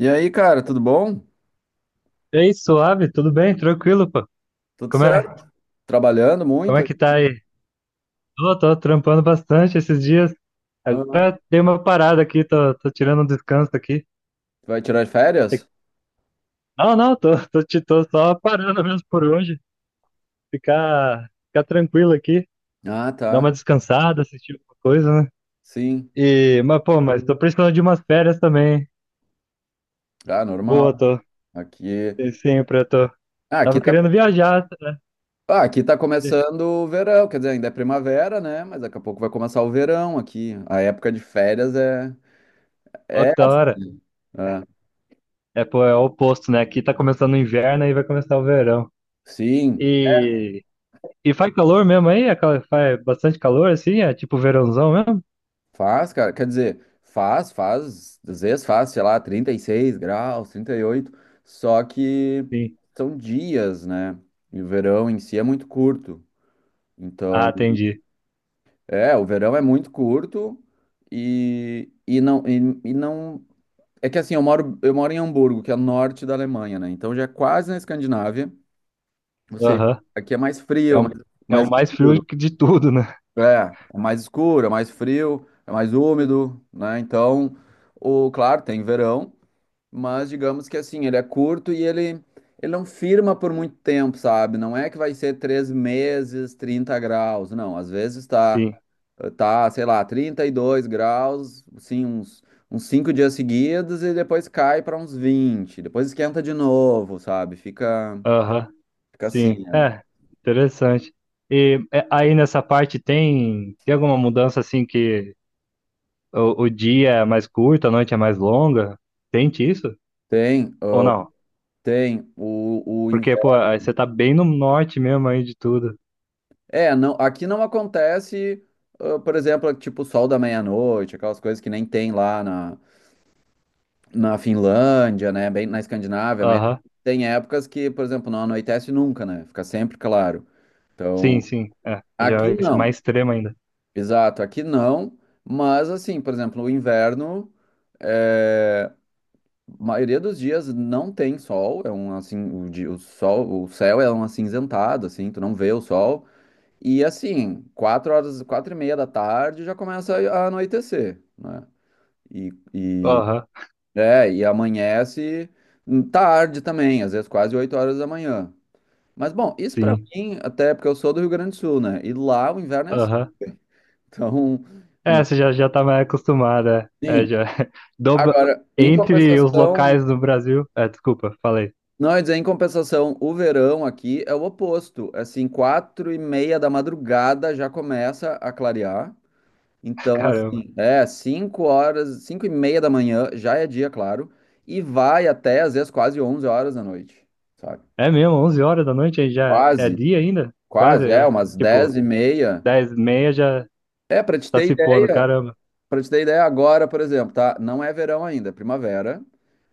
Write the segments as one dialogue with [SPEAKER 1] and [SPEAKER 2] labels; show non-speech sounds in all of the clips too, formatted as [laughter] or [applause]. [SPEAKER 1] E aí, cara, tudo bom?
[SPEAKER 2] Ei, suave, tudo bem? Tranquilo, pô.
[SPEAKER 1] Tudo
[SPEAKER 2] Como é?
[SPEAKER 1] certo? Trabalhando
[SPEAKER 2] Como
[SPEAKER 1] muito?
[SPEAKER 2] é que tá aí? Tô trampando bastante esses dias.
[SPEAKER 1] Aham.
[SPEAKER 2] Agora dei uma parada aqui, tô tirando um descanso aqui.
[SPEAKER 1] Vai tirar
[SPEAKER 2] Tem-
[SPEAKER 1] férias?
[SPEAKER 2] Não, não, tô só parando mesmo por hoje. Ficar tranquilo aqui,
[SPEAKER 1] Ah,
[SPEAKER 2] dar
[SPEAKER 1] tá.
[SPEAKER 2] uma descansada, assistir alguma coisa, né?
[SPEAKER 1] Sim.
[SPEAKER 2] Pô, mas tô precisando de umas férias também, hein?
[SPEAKER 1] Ah, normal.
[SPEAKER 2] Boa, tô.
[SPEAKER 1] Aqui,
[SPEAKER 2] E sempre eu tô.
[SPEAKER 1] ah, aqui
[SPEAKER 2] Tava
[SPEAKER 1] tá,
[SPEAKER 2] querendo viajar, né?
[SPEAKER 1] ah, aqui tá começando o verão, quer dizer, ainda é primavera, né? Mas daqui a pouco vai começar o verão aqui. A época de férias é
[SPEAKER 2] Ó
[SPEAKER 1] é
[SPEAKER 2] que da hora.
[SPEAKER 1] assim. Ah,
[SPEAKER 2] É, pô, é o oposto, né? Aqui tá começando o inverno e vai começar o verão.
[SPEAKER 1] sim,
[SPEAKER 2] E E faz calor mesmo aí? Faz bastante calor assim? É tipo verãozão mesmo?
[SPEAKER 1] faz, cara. Quer dizer, às vezes faz, sei lá, 36 graus, 38. Só que
[SPEAKER 2] Sim.
[SPEAKER 1] são dias, né? E o verão em si é muito curto.
[SPEAKER 2] Ah,
[SPEAKER 1] Então,
[SPEAKER 2] entendi.
[SPEAKER 1] o verão é muito curto e, e não e, e não é que assim, eu moro em Hamburgo, que é o norte da Alemanha, né? Então já é quase na Escandinávia, ou seja,
[SPEAKER 2] Aham.
[SPEAKER 1] aqui é mais
[SPEAKER 2] É
[SPEAKER 1] frio,
[SPEAKER 2] o,
[SPEAKER 1] mais,
[SPEAKER 2] é o
[SPEAKER 1] mais
[SPEAKER 2] mais frio
[SPEAKER 1] escuro.
[SPEAKER 2] de tudo, né?
[SPEAKER 1] É, é mais escuro, é mais frio, é mais úmido, né? Então, o claro, tem verão, mas digamos que assim, ele é curto e ele não firma por muito tempo, sabe? Não é que vai ser 3 meses, 30 graus, não. Às vezes tá
[SPEAKER 2] Sim.
[SPEAKER 1] Tá, sei lá, 32 graus, assim, uns 5 dias seguidos e depois cai para uns 20. Depois esquenta de novo, sabe? Fica,
[SPEAKER 2] Aham.
[SPEAKER 1] fica
[SPEAKER 2] Sim.
[SPEAKER 1] assim, né?
[SPEAKER 2] É, interessante. Aí nessa parte tem alguma mudança assim que o dia é mais curto, a noite é mais longa? Sente isso?
[SPEAKER 1] Tem,
[SPEAKER 2] Ou
[SPEAKER 1] ah,
[SPEAKER 2] não?
[SPEAKER 1] tem o
[SPEAKER 2] Porque,
[SPEAKER 1] inverno.
[SPEAKER 2] pô, aí você tá bem no norte mesmo aí de tudo.
[SPEAKER 1] É, não, aqui não acontece, por exemplo, tipo, sol da meia-noite, aquelas coisas que nem tem lá na Finlândia, né? Bem na Escandinávia mesmo.
[SPEAKER 2] Aham.
[SPEAKER 1] Tem épocas que, por exemplo, não anoitece nunca, né? Fica sempre claro. Então,
[SPEAKER 2] Sim, sim. É, já
[SPEAKER 1] aqui
[SPEAKER 2] é
[SPEAKER 1] não.
[SPEAKER 2] mais extremo ainda.
[SPEAKER 1] Exato, aqui não, mas assim, por exemplo, o inverno, é, maioria dos dias não tem sol, é um assim, o sol, o céu é um acinzentado, assim, tu não vê o sol, e assim, 4 horas, 4:30 da tarde já começa a anoitecer, né? E, e
[SPEAKER 2] Aham.
[SPEAKER 1] e amanhece tarde também, às vezes quase 8 horas da manhã. Mas bom, isso pra
[SPEAKER 2] Sim.
[SPEAKER 1] mim, até porque eu sou do Rio Grande do Sul, né? E lá o inverno é assim,
[SPEAKER 2] Aham.
[SPEAKER 1] [laughs] então,
[SPEAKER 2] É, você já tá mais acostumada. É, É,
[SPEAKER 1] sim.
[SPEAKER 2] já. [laughs] Dobra.
[SPEAKER 1] Agora, em
[SPEAKER 2] Entre os
[SPEAKER 1] compensação,
[SPEAKER 2] locais do Brasil. É, desculpa, falei.
[SPEAKER 1] não, eu ia dizer, em compensação, o verão aqui é o oposto. Assim, 4:30 da madrugada já começa a clarear.
[SPEAKER 2] [laughs]
[SPEAKER 1] Então,
[SPEAKER 2] Caramba.
[SPEAKER 1] assim, é 5 horas, 5:30 da manhã já é dia, claro, e vai até às vezes quase 11 horas da noite, sabe?
[SPEAKER 2] É mesmo, 11 horas da noite aí já é
[SPEAKER 1] Quase,
[SPEAKER 2] dia ainda? Quase,
[SPEAKER 1] quase, é
[SPEAKER 2] é.
[SPEAKER 1] umas dez
[SPEAKER 2] Tipo,
[SPEAKER 1] e meia.
[SPEAKER 2] 10:30 já
[SPEAKER 1] É, pra te
[SPEAKER 2] tá
[SPEAKER 1] ter
[SPEAKER 2] se pondo,
[SPEAKER 1] ideia,
[SPEAKER 2] caramba.
[SPEAKER 1] pra te ter ideia agora, por exemplo, tá? Não é verão ainda, é primavera.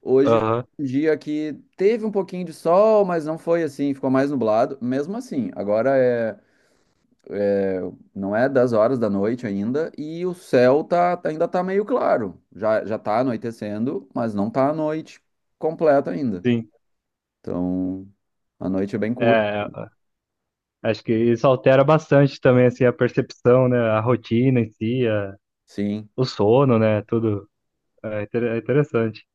[SPEAKER 1] Hoje foi
[SPEAKER 2] Aham,
[SPEAKER 1] um dia que teve um pouquinho de sol, mas não foi assim, ficou mais nublado. Mesmo assim, não é 10 horas da noite ainda e o céu ainda tá meio claro. Já tá anoitecendo, mas não tá a noite completa ainda.
[SPEAKER 2] sim.
[SPEAKER 1] Então, a noite é bem curta.
[SPEAKER 2] É, acho que isso altera bastante também, assim, a percepção, né? A rotina em si,
[SPEAKER 1] Sim.
[SPEAKER 2] o sono, né? Tudo. É, é interessante.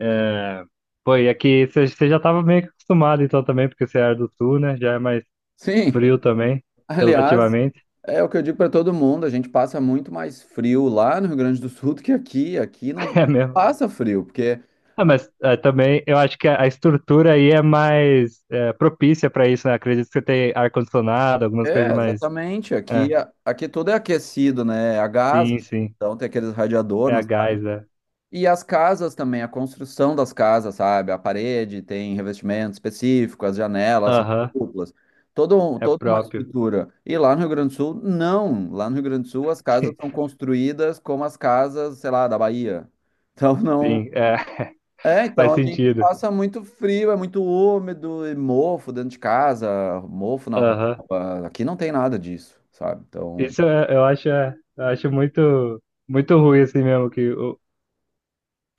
[SPEAKER 2] É. Pô, e aqui você já tava meio que acostumado então também, porque você era do sul, né? Já é mais
[SPEAKER 1] Sim.
[SPEAKER 2] frio também,
[SPEAKER 1] [laughs] Aliás,
[SPEAKER 2] relativamente.
[SPEAKER 1] é o que eu digo para todo mundo, a gente passa muito mais frio lá no Rio Grande do Sul do que aqui. Aqui
[SPEAKER 2] [laughs]
[SPEAKER 1] não
[SPEAKER 2] É mesmo.
[SPEAKER 1] passa frio, porque...
[SPEAKER 2] Ah, mas é, também eu acho que a estrutura aí é mais propícia para isso, né? Acredito que você tem ar-condicionado, algumas
[SPEAKER 1] É,
[SPEAKER 2] coisas mais.
[SPEAKER 1] exatamente.
[SPEAKER 2] É,
[SPEAKER 1] Aqui tudo é aquecido, né? É a gás,
[SPEAKER 2] sim, sim.
[SPEAKER 1] então tem aqueles radiador.
[SPEAKER 2] É a gás, é.
[SPEAKER 1] E as casas também, a construção das casas, sabe? A parede tem revestimento específico, as janelas são
[SPEAKER 2] Aham,
[SPEAKER 1] duplas.
[SPEAKER 2] é
[SPEAKER 1] Toda uma
[SPEAKER 2] próprio.
[SPEAKER 1] estrutura. E lá no Rio Grande do Sul, não. Lá no Rio Grande do Sul,
[SPEAKER 2] [laughs]
[SPEAKER 1] as casas
[SPEAKER 2] Sim,
[SPEAKER 1] são construídas como as casas, sei lá, da Bahia. Então, [laughs] não,
[SPEAKER 2] sim, é, [laughs]
[SPEAKER 1] então
[SPEAKER 2] faz
[SPEAKER 1] a gente
[SPEAKER 2] sentido.
[SPEAKER 1] passa muito frio, é muito úmido e mofo dentro de casa, mofo na
[SPEAKER 2] Aham.
[SPEAKER 1] roupa. Aqui não tem nada disso, sabe? Então,
[SPEAKER 2] Isso eu acho, eu acho muito, muito ruim assim mesmo,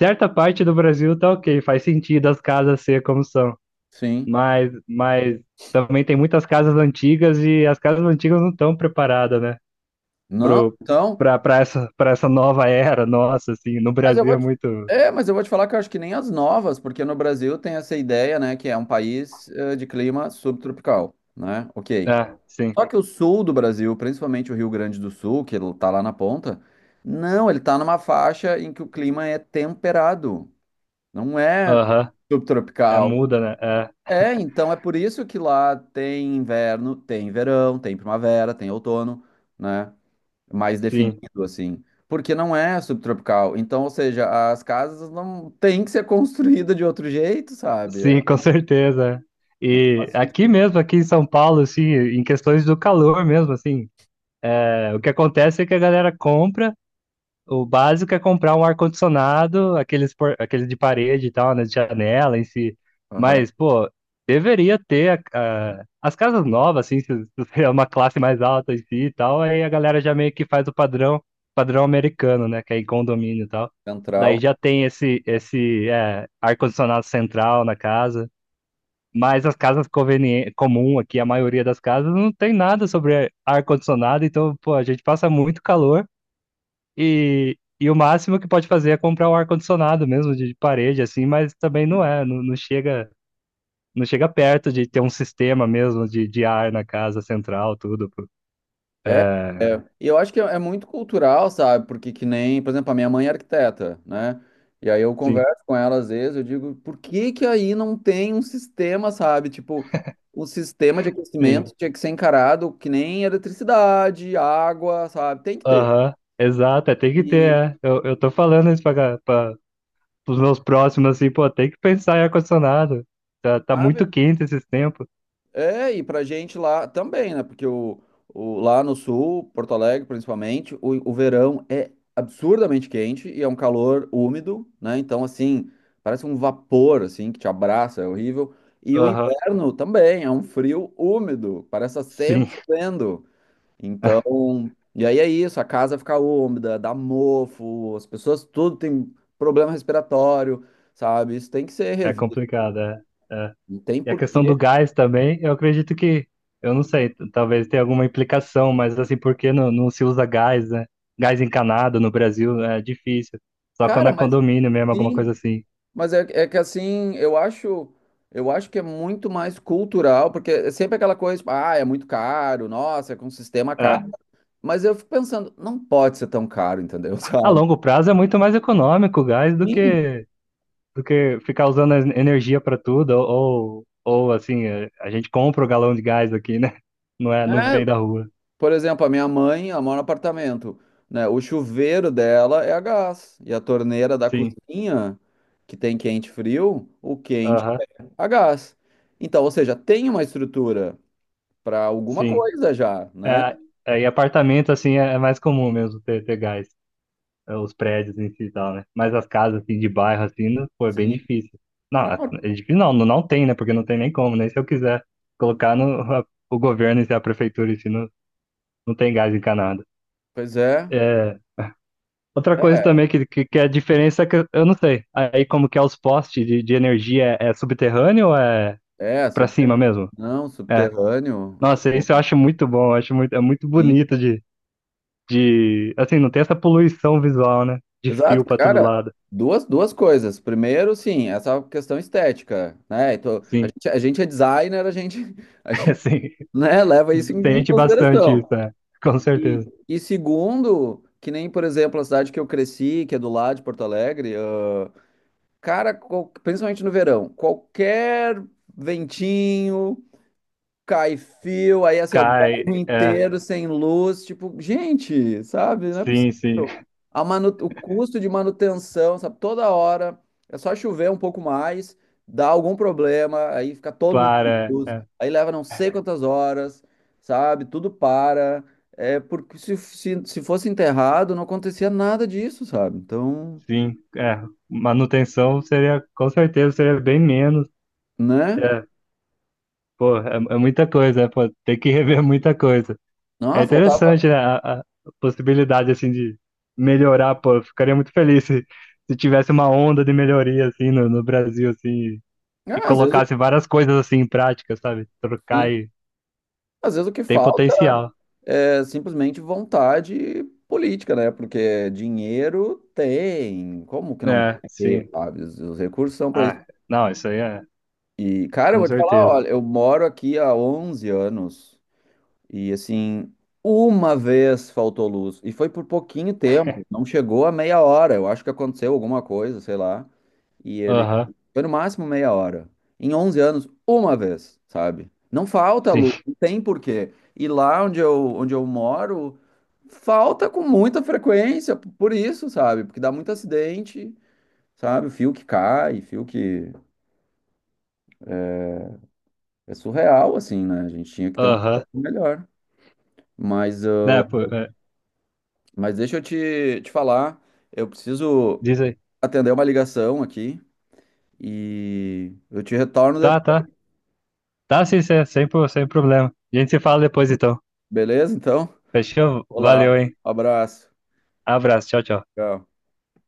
[SPEAKER 2] Certa parte do Brasil tá ok, faz sentido as casas ser como são.
[SPEAKER 1] sim.
[SPEAKER 2] Mas também tem muitas casas antigas e as casas antigas não estão preparadas, né?
[SPEAKER 1] Não,
[SPEAKER 2] Pro,
[SPEAKER 1] então,
[SPEAKER 2] pra, pra essa nova era, nossa, assim, no
[SPEAKER 1] mas eu
[SPEAKER 2] Brasil
[SPEAKER 1] vou
[SPEAKER 2] é
[SPEAKER 1] te,
[SPEAKER 2] muito.
[SPEAKER 1] é, mas eu vou te falar que eu acho que nem as novas, porque no Brasil tem essa ideia, né, que é um país de clima subtropical, né? OK.
[SPEAKER 2] É, sim.
[SPEAKER 1] Só que o sul do Brasil, principalmente o Rio Grande do Sul, que ele tá lá na ponta, não, ele tá numa faixa em que o clima é temperado. Não é
[SPEAKER 2] Aham. É
[SPEAKER 1] subtropical.
[SPEAKER 2] muda, né? É,
[SPEAKER 1] É, então é por isso que lá tem inverno, tem verão, tem primavera, tem outono, né? Mais
[SPEAKER 2] sim.
[SPEAKER 1] definido assim, porque não é subtropical. Então, ou seja, as casas não têm que ser [laughs] construídas de outro jeito, sabe? É.
[SPEAKER 2] Sim, com certeza.
[SPEAKER 1] Não
[SPEAKER 2] E
[SPEAKER 1] faz
[SPEAKER 2] aqui
[SPEAKER 1] sentido.
[SPEAKER 2] mesmo, aqui em São Paulo, assim, em questões do calor mesmo, assim, o que acontece é que a galera compra. O básico é comprar um ar-condicionado, aqueles de parede e tal, né, de janela em si.
[SPEAKER 1] Aham.
[SPEAKER 2] Mas, pô, deveria ter as casas novas, assim, se você é uma classe mais alta em si e tal, aí a galera já meio que faz o padrão americano, né, que é em condomínio e tal.
[SPEAKER 1] Central.
[SPEAKER 2] Daí já tem esse ar-condicionado central na casa. Mas as casas conveniente comum aqui, a maioria das casas, não tem nada sobre ar-condicionado, então, pô, a gente passa muito calor. E o máximo que pode fazer é comprar um ar-condicionado mesmo de parede, assim, mas também não, não chega perto de ter um sistema mesmo de ar na casa central, tudo. Pô.
[SPEAKER 1] É, é. E eu acho que é muito cultural, sabe? Porque que nem, por exemplo, a minha mãe é arquiteta, né? E aí eu
[SPEAKER 2] Sim,
[SPEAKER 1] converso com ela às vezes, eu digo, por que que aí não tem um sistema, sabe? Tipo, o sistema de aquecimento
[SPEAKER 2] sim.
[SPEAKER 1] tinha que ser encarado que nem eletricidade, água, sabe? Tem que ter.
[SPEAKER 2] Aham, exato, é, tem que
[SPEAKER 1] E,
[SPEAKER 2] ter, é. Eu tô falando isso para os meus próximos, assim, pô, tem que pensar em ar-condicionado. Tá
[SPEAKER 1] sabe?
[SPEAKER 2] muito quente esses tempos.
[SPEAKER 1] É, e pra gente lá também, né? Porque lá no sul, Porto Alegre principalmente, o verão é absurdamente quente e é um calor úmido, né? Então, assim, parece um vapor, assim, que te abraça, é horrível. E o
[SPEAKER 2] Aham,
[SPEAKER 1] inverno também é um frio úmido, parece estar
[SPEAKER 2] sim,
[SPEAKER 1] sempre
[SPEAKER 2] [laughs]
[SPEAKER 1] chovendo. Então, e aí é isso, a casa fica úmida, dá mofo, as pessoas tudo tem problema respiratório, sabe? Isso tem que ser
[SPEAKER 2] é
[SPEAKER 1] revisto,
[SPEAKER 2] complicado, é.
[SPEAKER 1] não tem
[SPEAKER 2] E a questão do
[SPEAKER 1] porquê.
[SPEAKER 2] gás também, eu acredito que, eu não sei, talvez tenha alguma implicação, mas assim, por que não se usa gás, né? Gás encanado no Brasil é difícil. Só quando
[SPEAKER 1] Cara,
[SPEAKER 2] é
[SPEAKER 1] mas...
[SPEAKER 2] condomínio mesmo, alguma coisa
[SPEAKER 1] Sim.
[SPEAKER 2] assim.
[SPEAKER 1] Mas é que assim, eu acho que é muito mais cultural, porque é sempre aquela coisa, tipo, ah, é muito caro, nossa, é com um sistema
[SPEAKER 2] É.
[SPEAKER 1] caro. Mas eu fico pensando, não pode ser tão caro, entendeu? [laughs]
[SPEAKER 2] A
[SPEAKER 1] Sabe?
[SPEAKER 2] longo prazo é muito mais econômico o gás do
[SPEAKER 1] Sim.
[SPEAKER 2] que, do que ficar usando energia para tudo, ou, assim, a gente compra o galão de gás aqui, né? Não é,
[SPEAKER 1] É,
[SPEAKER 2] não vem da rua.
[SPEAKER 1] por exemplo, a minha mãe, ela mora no apartamento, né? O chuveiro dela é a gás, e a torneira da
[SPEAKER 2] Sim,
[SPEAKER 1] cozinha, que tem quente e frio, o quente
[SPEAKER 2] aham,
[SPEAKER 1] é a gás. Então, ou seja, tem uma estrutura para alguma
[SPEAKER 2] sim.
[SPEAKER 1] coisa já, né?
[SPEAKER 2] É, e apartamento, assim, é mais comum mesmo ter gás. Os prédios em si e tal, né? Mas as casas assim de bairro assim, pô, é bem
[SPEAKER 1] Sim.
[SPEAKER 2] difícil. Não, é
[SPEAKER 1] Não,
[SPEAKER 2] difícil não, não, não tem, né? Porque não tem nem como, nem se eu quiser colocar no a- o governo e a prefeitura em si, não, não tem gás encanado.
[SPEAKER 1] pois é.
[SPEAKER 2] É, outra coisa
[SPEAKER 1] É.
[SPEAKER 2] também que é a diferença é que eu não sei. Aí como que é os postes de energia é subterrâneo ou é
[SPEAKER 1] É,
[SPEAKER 2] pra cima
[SPEAKER 1] subterrâneo.
[SPEAKER 2] mesmo?
[SPEAKER 1] Não,
[SPEAKER 2] É.
[SPEAKER 1] subterrâneo. Tá
[SPEAKER 2] Nossa,
[SPEAKER 1] bom,
[SPEAKER 2] isso eu acho muito bom, eu acho muito, é muito
[SPEAKER 1] sim.
[SPEAKER 2] bonito assim, não tem essa poluição visual, né? De fio
[SPEAKER 1] Exato,
[SPEAKER 2] pra todo
[SPEAKER 1] cara.
[SPEAKER 2] lado.
[SPEAKER 1] Duas coisas. Primeiro, sim, essa questão estética, né? Então, a
[SPEAKER 2] Sim,
[SPEAKER 1] gente, a gente é designer, a gente, a
[SPEAKER 2] [laughs]
[SPEAKER 1] gente,
[SPEAKER 2] sim.
[SPEAKER 1] né, leva isso em
[SPEAKER 2] Sente bastante
[SPEAKER 1] consideração.
[SPEAKER 2] isso, é. Com
[SPEAKER 1] E,
[SPEAKER 2] certeza.
[SPEAKER 1] e segundo, que nem, por exemplo, a cidade que eu cresci, que é do lado de Porto Alegre, ah, cara, principalmente no verão, qualquer ventinho, cai fio, aí assim, ó, o
[SPEAKER 2] Cai,
[SPEAKER 1] bairro
[SPEAKER 2] é.
[SPEAKER 1] inteiro sem luz, tipo, gente, sabe? Não é
[SPEAKER 2] Sim, sim.
[SPEAKER 1] possível. O custo de manutenção, sabe? Toda hora é só chover um pouco mais, dá algum problema, aí fica todo mundo sem
[SPEAKER 2] Para,
[SPEAKER 1] luz,
[SPEAKER 2] é.
[SPEAKER 1] aí leva não sei quantas horas, sabe? Tudo para. É porque se fosse enterrado, não acontecia nada disso, sabe? Então,
[SPEAKER 2] Sim, é. Manutenção seria, com certeza, seria bem menos.
[SPEAKER 1] né?
[SPEAKER 2] É, pô, é muita coisa, é, pô, tem que [laughs] rever muita coisa. É
[SPEAKER 1] Não, faltava.
[SPEAKER 2] interessante, né, a possibilidade, assim, de melhorar, pô, eu ficaria muito feliz se tivesse uma onda de melhoria, assim, no Brasil, assim, e
[SPEAKER 1] Ah, às vezes,
[SPEAKER 2] colocasse várias coisas, assim, em prática, sabe? Trocar
[SPEAKER 1] sim,
[SPEAKER 2] e
[SPEAKER 1] às vezes o que
[SPEAKER 2] tem
[SPEAKER 1] falta.
[SPEAKER 2] potencial.
[SPEAKER 1] É simplesmente vontade política, né? Porque dinheiro tem, como que não
[SPEAKER 2] É,
[SPEAKER 1] vai ter,
[SPEAKER 2] sim.
[SPEAKER 1] sabe? Os recursos são para isso.
[SPEAKER 2] Ah, não, isso aí é,
[SPEAKER 1] E, cara, eu
[SPEAKER 2] com
[SPEAKER 1] vou te falar,
[SPEAKER 2] certeza.
[SPEAKER 1] olha, eu moro aqui há 11 anos e, assim, uma vez faltou luz e foi por pouquinho tempo, não chegou a meia hora. Eu acho que aconteceu alguma coisa, sei lá. E ele
[SPEAKER 2] Aham,
[SPEAKER 1] foi no máximo meia hora. Em 11 anos, uma vez, sabe? Não falta
[SPEAKER 2] sim.
[SPEAKER 1] luz, não tem porquê. E lá onde eu moro, falta com muita frequência, por isso, sabe? Porque dá muito acidente, sabe? Fio que cai, fio que... É surreal, assim, né? A gente tinha que ter um
[SPEAKER 2] Aham.
[SPEAKER 1] melhor. Mas, ah,
[SPEAKER 2] Né, pô,
[SPEAKER 1] mas deixa eu te falar, eu preciso
[SPEAKER 2] diz aí.
[SPEAKER 1] atender uma ligação aqui e eu te retorno
[SPEAKER 2] Tá,
[SPEAKER 1] depois,
[SPEAKER 2] tá. Tá, sim, sem problema. A gente se fala depois, então.
[SPEAKER 1] beleza? Então,
[SPEAKER 2] Fechou?
[SPEAKER 1] olá,
[SPEAKER 2] Valeu, hein?
[SPEAKER 1] abraço.
[SPEAKER 2] Abraço, tchau, tchau.
[SPEAKER 1] Tchau.